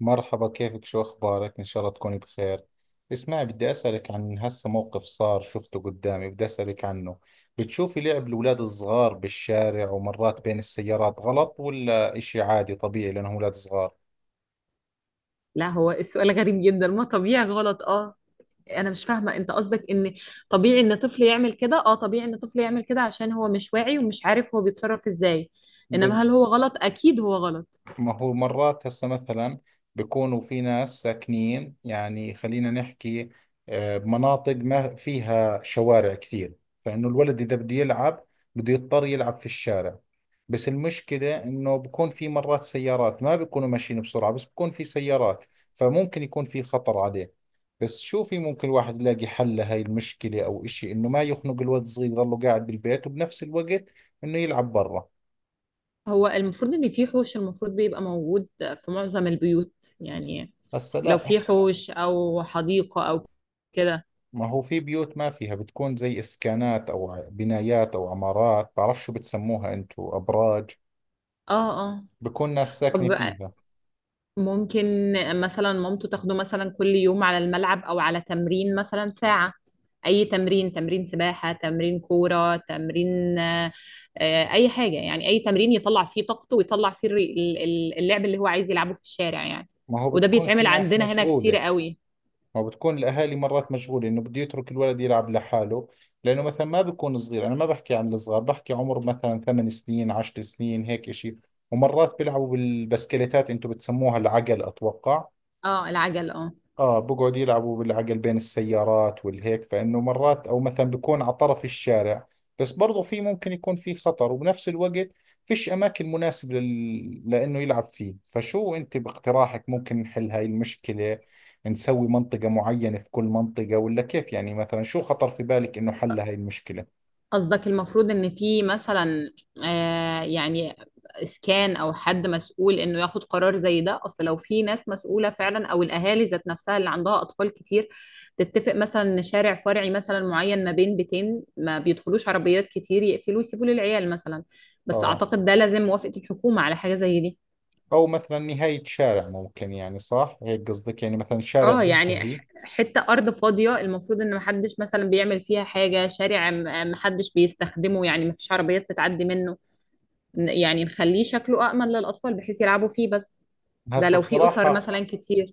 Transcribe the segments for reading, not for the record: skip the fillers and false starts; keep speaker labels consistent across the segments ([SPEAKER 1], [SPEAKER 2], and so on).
[SPEAKER 1] مرحبا، كيفك؟ شو أخبارك؟ إن شاء الله تكوني بخير. اسمعي، بدي أسألك عن هسه موقف صار شفته قدامي، بدي أسألك عنه. بتشوفي لعب الأولاد الصغار بالشارع ومرات بين السيارات غلط ولا إشي عادي طبيعي لأنهم أولاد صغار؟
[SPEAKER 2] لا، هو السؤال غريب جدا، ما طبيعي، غلط اه. انا مش فاهمه، انت قصدك ان طبيعي ان طفل يعمل كده؟ اه طبيعي ان طفل يعمل كده عشان هو مش واعي ومش عارف هو بيتصرف ازاي، انما هل هو غلط؟ اكيد هو غلط.
[SPEAKER 1] ما هو مرات هسه مثلا بيكونوا في ناس ساكنين، يعني خلينا نحكي، بمناطق ما فيها شوارع كثير، فإنه الولد إذا بده يلعب بده يضطر يلعب في الشارع. بس المشكلة إنه بكون في مرات سيارات، ما بيكونوا ماشيين بسرعة بس بكون في سيارات، فممكن يكون في خطر عليه. بس شو في ممكن الواحد يلاقي حل لهاي المشكلة أو إشي، إنه ما يخنق الولد الصغير يضله قاعد بالبيت وبنفس الوقت إنه يلعب برا؟
[SPEAKER 2] هو المفروض ان في حوش، المفروض بيبقى موجود في معظم البيوت، يعني
[SPEAKER 1] هسا
[SPEAKER 2] لو في
[SPEAKER 1] لا،
[SPEAKER 2] حوش او حديقه او كده.
[SPEAKER 1] ما هو في بيوت ما فيها، بتكون زي اسكانات او بنايات او عمارات، بعرف شو بتسموها انتو، ابراج،
[SPEAKER 2] اه اه.
[SPEAKER 1] بكون ناس ساكنة
[SPEAKER 2] طب
[SPEAKER 1] فيها.
[SPEAKER 2] ممكن مثلا مامته تاخده مثلا كل يوم على الملعب او على تمرين مثلا ساعة، اي تمرين، تمرين سباحة، تمرين كورة، تمرين اي حاجة، اي تمرين يطلع فيه طاقته ويطلع فيه اللعب اللي هو عايز يلعبه في الشارع يعني.
[SPEAKER 1] ما هو
[SPEAKER 2] وده
[SPEAKER 1] بتكون في
[SPEAKER 2] بيتعمل
[SPEAKER 1] ناس
[SPEAKER 2] عندنا هنا كتير
[SPEAKER 1] مشغولة،
[SPEAKER 2] قوي.
[SPEAKER 1] ما بتكون الاهالي مرات مشغولة انه بده يترك الولد يلعب لحاله، لانه مثلا ما بيكون صغير، انا ما بحكي عن الصغار، بحكي عمر مثلا ثمان سنين، عشر سنين، هيك اشي. ومرات بيلعبوا بالبسكليتات، انتو بتسموها العقل اتوقع.
[SPEAKER 2] اه العجل اه.
[SPEAKER 1] اه، بقعد يلعبوا بالعقل بين السيارات والهيك، فانه مرات او مثلا بيكون على طرف الشارع، بس برضو في ممكن يكون في خطر. وبنفس الوقت فيش اماكن مناسبة لانه يلعب فيه. فشو انت باقتراحك ممكن نحل هاي المشكلة؟ نسوي منطقة معينة في كل منطقة ولا كيف؟ يعني مثلا شو خطر في بالك انه حل هاي المشكلة؟
[SPEAKER 2] قصدك المفروض ان في مثلا، يعني، اسكان او حد مسؤول انه ياخد قرار زي ده؟ اصل لو في ناس مسؤوله فعلا، او الاهالي ذات نفسها اللي عندها اطفال كتير، تتفق مثلا ان شارع فرعي مثلا معين ما بين بيتين ما بيدخلوش عربيات كتير، يقفلوا يسيبوا للعيال مثلا. بس
[SPEAKER 1] اه،
[SPEAKER 2] اعتقد ده لازم موافقه الحكومه على حاجه زي دي.
[SPEAKER 1] او مثلا نهاية شارع، ممكن، يعني صح هيك قصدك، يعني مثلا شارع
[SPEAKER 2] اه
[SPEAKER 1] بينتهي.
[SPEAKER 2] حته ارض فاضيه المفروض ان محدش مثلا بيعمل فيها حاجه، شارع محدش بيستخدمه، يعني مفيش عربيات بتعدي منه، يعني نخليه شكله أأمن للأطفال بحيث يلعبوا فيه بس. ده
[SPEAKER 1] هسه
[SPEAKER 2] لو في أسر
[SPEAKER 1] بصراحة،
[SPEAKER 2] مثلا كتير.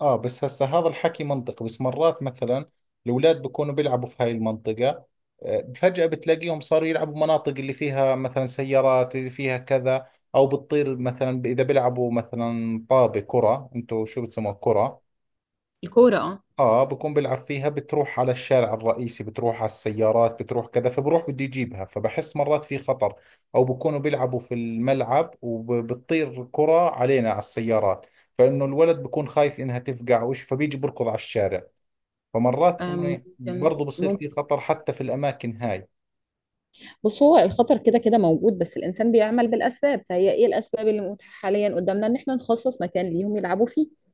[SPEAKER 1] اه، بس هسه هذا الحكي منطق، بس مرات مثلا الاولاد بكونوا بيلعبوا في هاي المنطقة، فجأة بتلاقيهم صاروا يلعبوا مناطق اللي فيها مثلا سيارات، اللي فيها كذا. او بتطير مثلا اذا بيلعبوا مثلا طابة، كرة، انتوا شو بتسموها، كرة.
[SPEAKER 2] الكورة اه.
[SPEAKER 1] اه، بكون بلعب فيها، بتروح على الشارع الرئيسي، بتروح على السيارات، بتروح كذا، فبروح بده يجيبها، فبحس مرات في خطر. او بكونوا بيلعبوا في الملعب وبتطير كرة علينا، على السيارات، فانه الولد بكون خايف انها تفقع او شيء، فبيجي بركض على الشارع. فمرات انه
[SPEAKER 2] ممكن
[SPEAKER 1] برضه بصير في
[SPEAKER 2] ممكن.
[SPEAKER 1] خطر حتى في الاماكن هاي.
[SPEAKER 2] بص، هو الخطر كده كده موجود، بس الإنسان بيعمل بالأسباب، فهي إيه الأسباب اللي متاحة حاليا قدامنا؟ إن إحنا نخصص مكان ليهم يلعبوا فيه،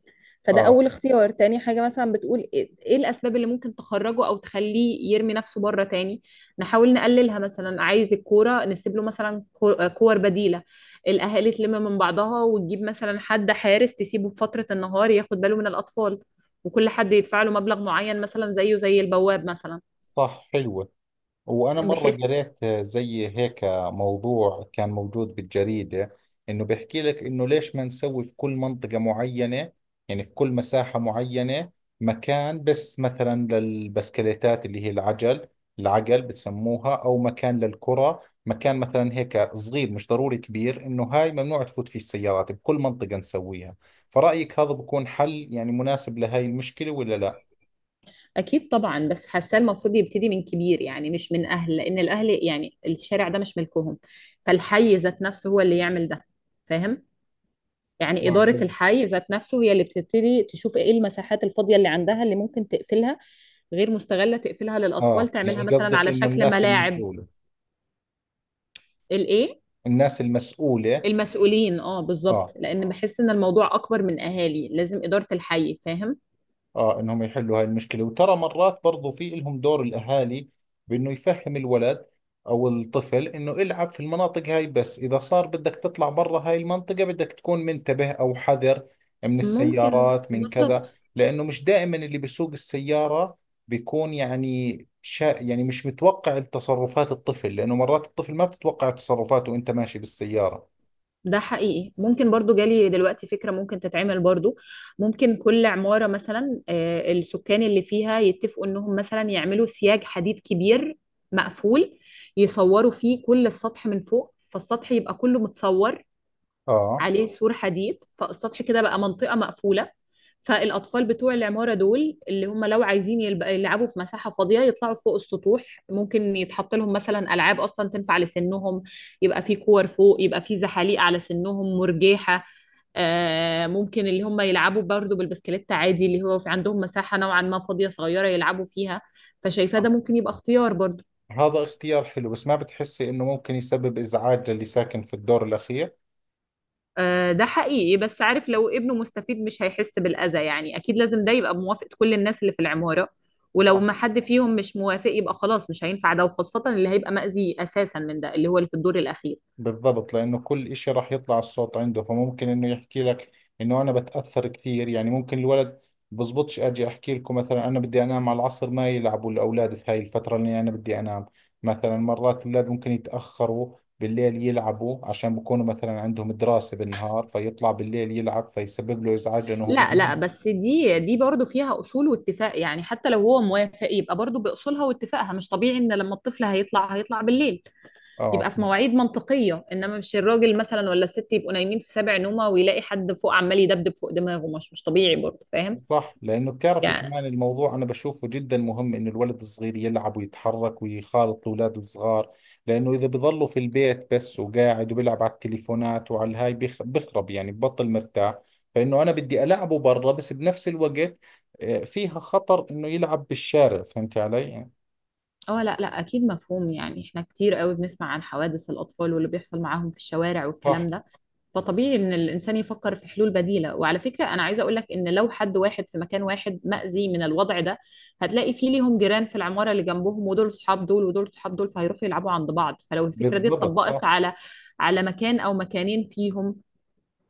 [SPEAKER 2] فده
[SPEAKER 1] اه،
[SPEAKER 2] اول اختيار. تاني حاجة، مثلا بتقول ايه إيه الاسباب اللي ممكن تخرجه او تخليه يرمي نفسه بره تاني، نحاول نقللها. مثلا عايز الكورة، نسيب له مثلا كور بديلة. الاهالي تلم من بعضها وتجيب مثلا حد حارس، تسيبه بفترة النهار ياخد باله من الاطفال، وكل حد يدفع له مبلغ معين، مثلا زيه زي البواب مثلا.
[SPEAKER 1] صح، حلوة. وأنا مرة
[SPEAKER 2] بحيث
[SPEAKER 1] قريت زي هيك موضوع كان موجود بالجريدة، إنه بيحكي لك إنه ليش ما نسوي في كل منطقة معينة، يعني في كل مساحة معينة، مكان بس مثلا للبسكليتات اللي هي العجل، العجل بتسموها، أو مكان للكرة، مكان مثلا هيك صغير، مش ضروري كبير، إنه هاي ممنوع تفوت فيه السيارات، بكل منطقة نسويها. فرأيك هذا بكون حل يعني مناسب لهاي المشكلة ولا لا؟
[SPEAKER 2] اكيد طبعا، بس حاسه المفروض يبتدي من كبير، يعني مش من اهل، لان الاهل يعني الشارع ده مش ملكهم، فالحي ذات نفسه هو اللي يعمل ده، فاهم؟ يعني
[SPEAKER 1] آه،
[SPEAKER 2] إدارة
[SPEAKER 1] قصد-
[SPEAKER 2] الحي ذات نفسه هي اللي بتبتدي تشوف إيه المساحات الفاضية اللي عندها اللي ممكن تقفلها، غير مستغلة، تقفلها للأطفال،
[SPEAKER 1] آه
[SPEAKER 2] تعملها
[SPEAKER 1] يعني
[SPEAKER 2] مثلا
[SPEAKER 1] قصدك
[SPEAKER 2] على
[SPEAKER 1] إنه
[SPEAKER 2] شكل
[SPEAKER 1] الناس
[SPEAKER 2] ملاعب.
[SPEAKER 1] المسؤولة.
[SPEAKER 2] الإيه؟
[SPEAKER 1] الناس المسؤولة.
[SPEAKER 2] المسؤولين، اه بالظبط،
[SPEAKER 1] اه،
[SPEAKER 2] لأن بحس إن الموضوع أكبر من أهالي، لازم إدارة الحي، فاهم؟
[SPEAKER 1] اه، انهم يحلوا هاي المشكلة. وترى مرات برضو في لهم دور الاهالي، بانه يفهم الولد او الطفل انه العب في المناطق هاي، بس اذا صار بدك تطلع برا هاي المنطقة بدك تكون منتبه او حذر من
[SPEAKER 2] ممكن،
[SPEAKER 1] السيارات، من كذا،
[SPEAKER 2] بالظبط.
[SPEAKER 1] لانه مش دائما اللي بيسوق السيارة بيكون، يعني شا، يعني مش متوقع تصرفات الطفل، لانه مرات الطفل ما بتتوقع تصرفاته وانت ماشي بالسيارة.
[SPEAKER 2] ده حقيقي. ممكن برضو جالي دلوقتي فكرة ممكن تتعمل برضو. ممكن كل عمارة مثلا، السكان اللي فيها يتفقوا انهم مثلا يعملوا سياج حديد كبير مقفول، يصوروا فيه كل السطح من فوق، فالسطح يبقى كله متصور
[SPEAKER 1] اه،
[SPEAKER 2] عليه سور حديد، فالسطح كده بقى منطقة مقفولة، فالأطفال بتوع العمارة دول اللي هم لو عايزين يلعبوا في مساحة فاضية، يطلعوا فوق السطوح. ممكن يتحط لهم مثلا ألعاب أصلا تنفع لسنهم، يبقى في كور فوق، يبقى في زحاليق على سنهم، مرجيحة، ممكن اللي هم يلعبوا برضو بالبسكليت عادي، اللي هو في عندهم مساحة نوعا ما فاضية صغيرة يلعبوا فيها. فشايفاه ده ممكن يبقى اختيار برضو.
[SPEAKER 1] هذا اختيار حلو، بس ما بتحسي انه ممكن يسبب ازعاج للي ساكن في الدور الاخير؟
[SPEAKER 2] ده حقيقي، بس عارف، لو ابنه مستفيد مش هيحس بالأذى، يعني أكيد لازم ده يبقى بموافقة كل الناس اللي في العمارة. ولو
[SPEAKER 1] صح،
[SPEAKER 2] ما حد فيهم مش موافق، يبقى خلاص مش هينفع ده، وخاصة اللي هيبقى مأذي أساسا من ده اللي هو اللي في الدور الأخير.
[SPEAKER 1] بالضبط، لانه كل اشي راح يطلع الصوت عنده، فممكن انه يحكي لك انه انا بتاثر كثير، يعني ممكن الولد بزبطش اجي احكي لكم مثلا انا بدي انام على العصر، ما يلعبوا الاولاد في هاي الفتره اللي انا بدي انام مثلا. مرات الاولاد ممكن يتاخروا بالليل يلعبوا عشان بكونوا مثلا عندهم دراسه بالنهار، فيطلع بالليل يلعب فيسبب له ازعاج، لانه هو بده
[SPEAKER 2] لا لا،
[SPEAKER 1] ينام.
[SPEAKER 2] بس دي برضه فيها أصول واتفاق، يعني حتى لو هو موافق يبقى برضه بأصولها واتفاقها، مش طبيعي إن لما الطفل هيطلع هيطلع بالليل.
[SPEAKER 1] اه،
[SPEAKER 2] يبقى في
[SPEAKER 1] صح.
[SPEAKER 2] مواعيد منطقية، إنما مش الراجل مثلا ولا الست يبقوا نايمين في سابع نومة، ويلاقي حد فوق عمال يدبدب فوق دماغه، مش طبيعي برضه، فاهم
[SPEAKER 1] صح، لأنه بتعرفي
[SPEAKER 2] يعني؟
[SPEAKER 1] كمان الموضوع أنا بشوفه جدا مهم، إنه الولد الصغير يلعب ويتحرك ويخالط الأولاد الصغار، لأنه إذا بضلوا في البيت بس وقاعد وبيلعب على التليفونات وعلى الهاي بخرب يعني، ببطل مرتاح. فإنه أنا بدي ألعبه برا، بس بنفس الوقت فيها خطر إنه يلعب بالشارع، فهمت علي؟
[SPEAKER 2] اه لا لا، اكيد مفهوم، يعني احنا كتير قوي بنسمع عن حوادث الاطفال واللي بيحصل معاهم في الشوارع والكلام
[SPEAKER 1] صح،
[SPEAKER 2] ده، فطبيعي ان الانسان يفكر في حلول بديله. وعلى فكره، انا عايزه اقول لك ان لو حد واحد في مكان واحد مأذي من الوضع ده، هتلاقي فيه ليهم جيران في العماره اللي جنبهم، ودول صحاب دول ودول صحاب دول، فهيروحوا يلعبوا عند بعض. فلو الفكره دي
[SPEAKER 1] بالضبط، صح،
[SPEAKER 2] اتطبقت على على مكان او مكانين فيهم،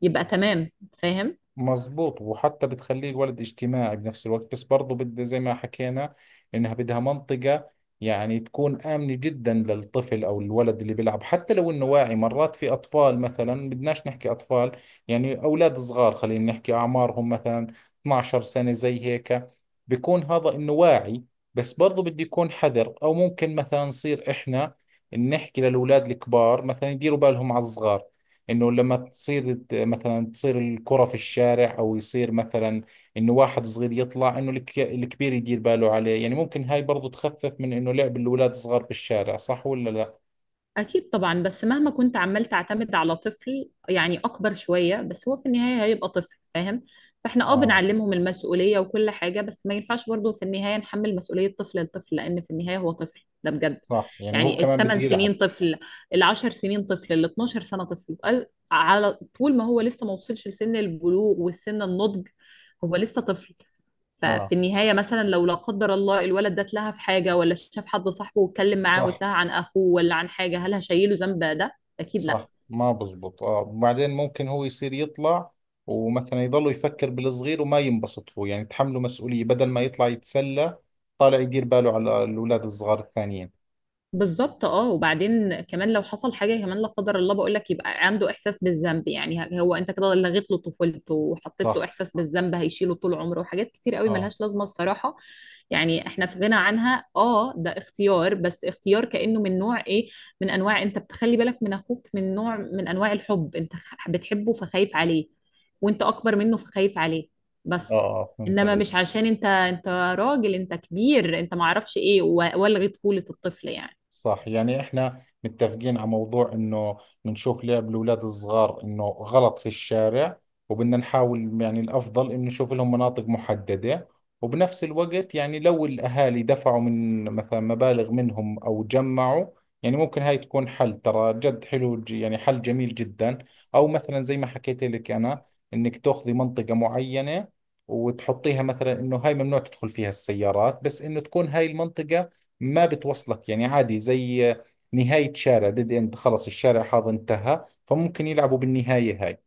[SPEAKER 2] يبقى تمام، فاهم؟
[SPEAKER 1] مظبوط. وحتى بتخليه الولد اجتماعي بنفس الوقت، بس برضو بد زي ما حكينا، انها بدها منطقة يعني تكون آمنة جدا للطفل او الولد اللي بيلعب. حتى لو انه واعي مرات، في اطفال مثلا، بدناش نحكي اطفال، يعني اولاد صغار، خلينا نحكي اعمارهم مثلا 12 سنة زي هيك، بيكون هذا انه واعي، بس برضو بده يكون حذر. او ممكن مثلا نصير احنا نحكي للاولاد الكبار مثلا يديروا بالهم على الصغار، انه لما مثلا تصير الكرة في الشارع، او يصير مثلا انه واحد صغير يطلع، انه الكبير يدير باله عليه. يعني ممكن هاي برضو تخفف من انه لعب الاولاد الصغار بالشارع، صح ولا لا؟
[SPEAKER 2] أكيد طبعا، بس مهما كنت عمال تعتمد على طفل، يعني أكبر شوية، بس هو في النهاية هيبقى طفل، فاهم؟ فإحنا
[SPEAKER 1] اه،
[SPEAKER 2] بنعلمهم المسؤولية وكل حاجة، بس ما ينفعش برضه في النهاية نحمل مسؤولية طفل لطفل، لأن في النهاية هو طفل ده بجد.
[SPEAKER 1] صح، يعني هو
[SPEAKER 2] يعني
[SPEAKER 1] كمان
[SPEAKER 2] الثمان
[SPEAKER 1] بده يلعب.
[SPEAKER 2] سنين طفل، العشر سنين طفل، ال 12 سنة طفل، على طول ما هو لسه ما وصلش لسن البلوغ والسن النضج، هو لسه طفل. ففي
[SPEAKER 1] اه،
[SPEAKER 2] النهاية مثلا لو لا قدر الله الولد ده اتلهى في حاجة، ولا شاف حد صاحبه واتكلم معاه
[SPEAKER 1] صح،
[SPEAKER 2] واتلهى عن أخوه ولا عن حاجة، هل هشيله ذنب ده؟ أكيد لا.
[SPEAKER 1] صح، ما بزبط. اه، وبعدين ممكن هو يصير يطلع ومثلا يضل يفكر بالصغير وما ينبسط هو، يعني تحمله مسؤولية بدل ما يطلع يتسلى، طالع يدير باله على الاولاد الصغار الثانيين.
[SPEAKER 2] بالظبط اه. وبعدين كمان لو حصل حاجه كمان لا قدر الله، بقول لك، يبقى عنده احساس بالذنب، يعني هو انت كده لغيت له طفولته وحطيت له
[SPEAKER 1] صح.
[SPEAKER 2] احساس بالذنب هيشيله طول عمره، وحاجات كتير قوي
[SPEAKER 1] اه،
[SPEAKER 2] ملهاش لازمه الصراحه، يعني احنا في غنى عنها. اه ده اختيار، بس اختيار كانه من نوع ايه؟ من انواع انت بتخلي بالك من اخوك، من نوع من انواع الحب، انت بتحبه فخايف عليه، وانت اكبر منه فخايف عليه،
[SPEAKER 1] اه،
[SPEAKER 2] بس.
[SPEAKER 1] اه، فهمت
[SPEAKER 2] انما
[SPEAKER 1] عليك.
[SPEAKER 2] مش عشان انت راجل، انت كبير، انت معرفش ايه والغي طفوله الطفل يعني.
[SPEAKER 1] صح، يعني احنا متفقين على موضوع انه بنشوف لعب الاولاد الصغار انه غلط في الشارع، وبدنا نحاول يعني الافضل انه نشوف لهم مناطق محددة. وبنفس الوقت يعني لو الاهالي دفعوا من مثلا مبالغ منهم او جمعوا، يعني ممكن هاي تكون حل، ترى جد حلو، يعني حل جميل جدا. او مثلا زي ما حكيت لك انا، انك تاخذي منطقة معينة وتحطيها مثلا انه هاي ممنوع تدخل فيها السيارات، بس انه تكون هاي المنطقة ما بتوصلك، يعني عادي زي نهاية شارع، ديد اند، خلص الشارع هذا انتهى، فممكن يلعبوا بالنهاية هاي.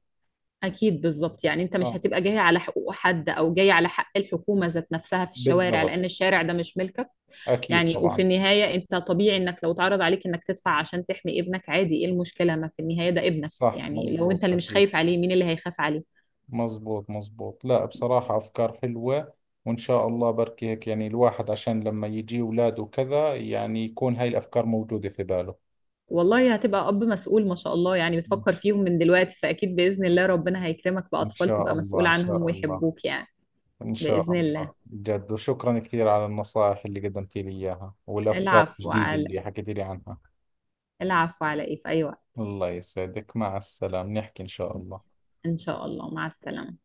[SPEAKER 2] أكيد بالظبط، يعني أنت مش
[SPEAKER 1] اه،
[SPEAKER 2] هتبقى جاي على حقوق حد، أو جاي على حق الحكومة ذات نفسها في الشوارع،
[SPEAKER 1] بالضبط،
[SPEAKER 2] لأن الشارع ده مش ملكك.
[SPEAKER 1] أكيد
[SPEAKER 2] يعني وفي
[SPEAKER 1] طبعا.
[SPEAKER 2] النهاية أنت طبيعي إنك لو اتعرض عليك إنك تدفع عشان تحمي ابنك، عادي، إيه المشكلة؟ ما في النهاية ده ابنك،
[SPEAKER 1] صح،
[SPEAKER 2] يعني لو
[SPEAKER 1] مزبوط،
[SPEAKER 2] أنت اللي مش
[SPEAKER 1] أكيد،
[SPEAKER 2] خايف عليه، مين اللي هيخاف عليه؟
[SPEAKER 1] مزبوط، مزبوط. لا بصراحة أفكار حلوة، وإن شاء الله بركي هيك، يعني الواحد عشان لما يجي أولاده وكذا، يعني يكون هاي الأفكار موجودة في باله.
[SPEAKER 2] والله هتبقى أب مسؤول ما شاء الله، يعني بتفكر فيهم من دلوقتي، فأكيد بإذن الله ربنا هيكرمك
[SPEAKER 1] إن
[SPEAKER 2] بأطفال
[SPEAKER 1] شاء
[SPEAKER 2] تبقى
[SPEAKER 1] الله،
[SPEAKER 2] مسؤول
[SPEAKER 1] إن
[SPEAKER 2] عنهم
[SPEAKER 1] شاء الله.
[SPEAKER 2] ويحبوك يعني.
[SPEAKER 1] إن شاء
[SPEAKER 2] بإذن
[SPEAKER 1] الله
[SPEAKER 2] الله.
[SPEAKER 1] جد، وشكرا كثير على النصائح اللي قدمتي لي إياها والأفكار
[SPEAKER 2] العفو
[SPEAKER 1] الجديدة
[SPEAKER 2] على،
[SPEAKER 1] اللي حكيتي لي عنها.
[SPEAKER 2] العفو على إيه، في أي وقت.
[SPEAKER 1] الله يسعدك، مع السلامة، نحكي إن شاء الله.
[SPEAKER 2] إن شاء الله، مع السلامة.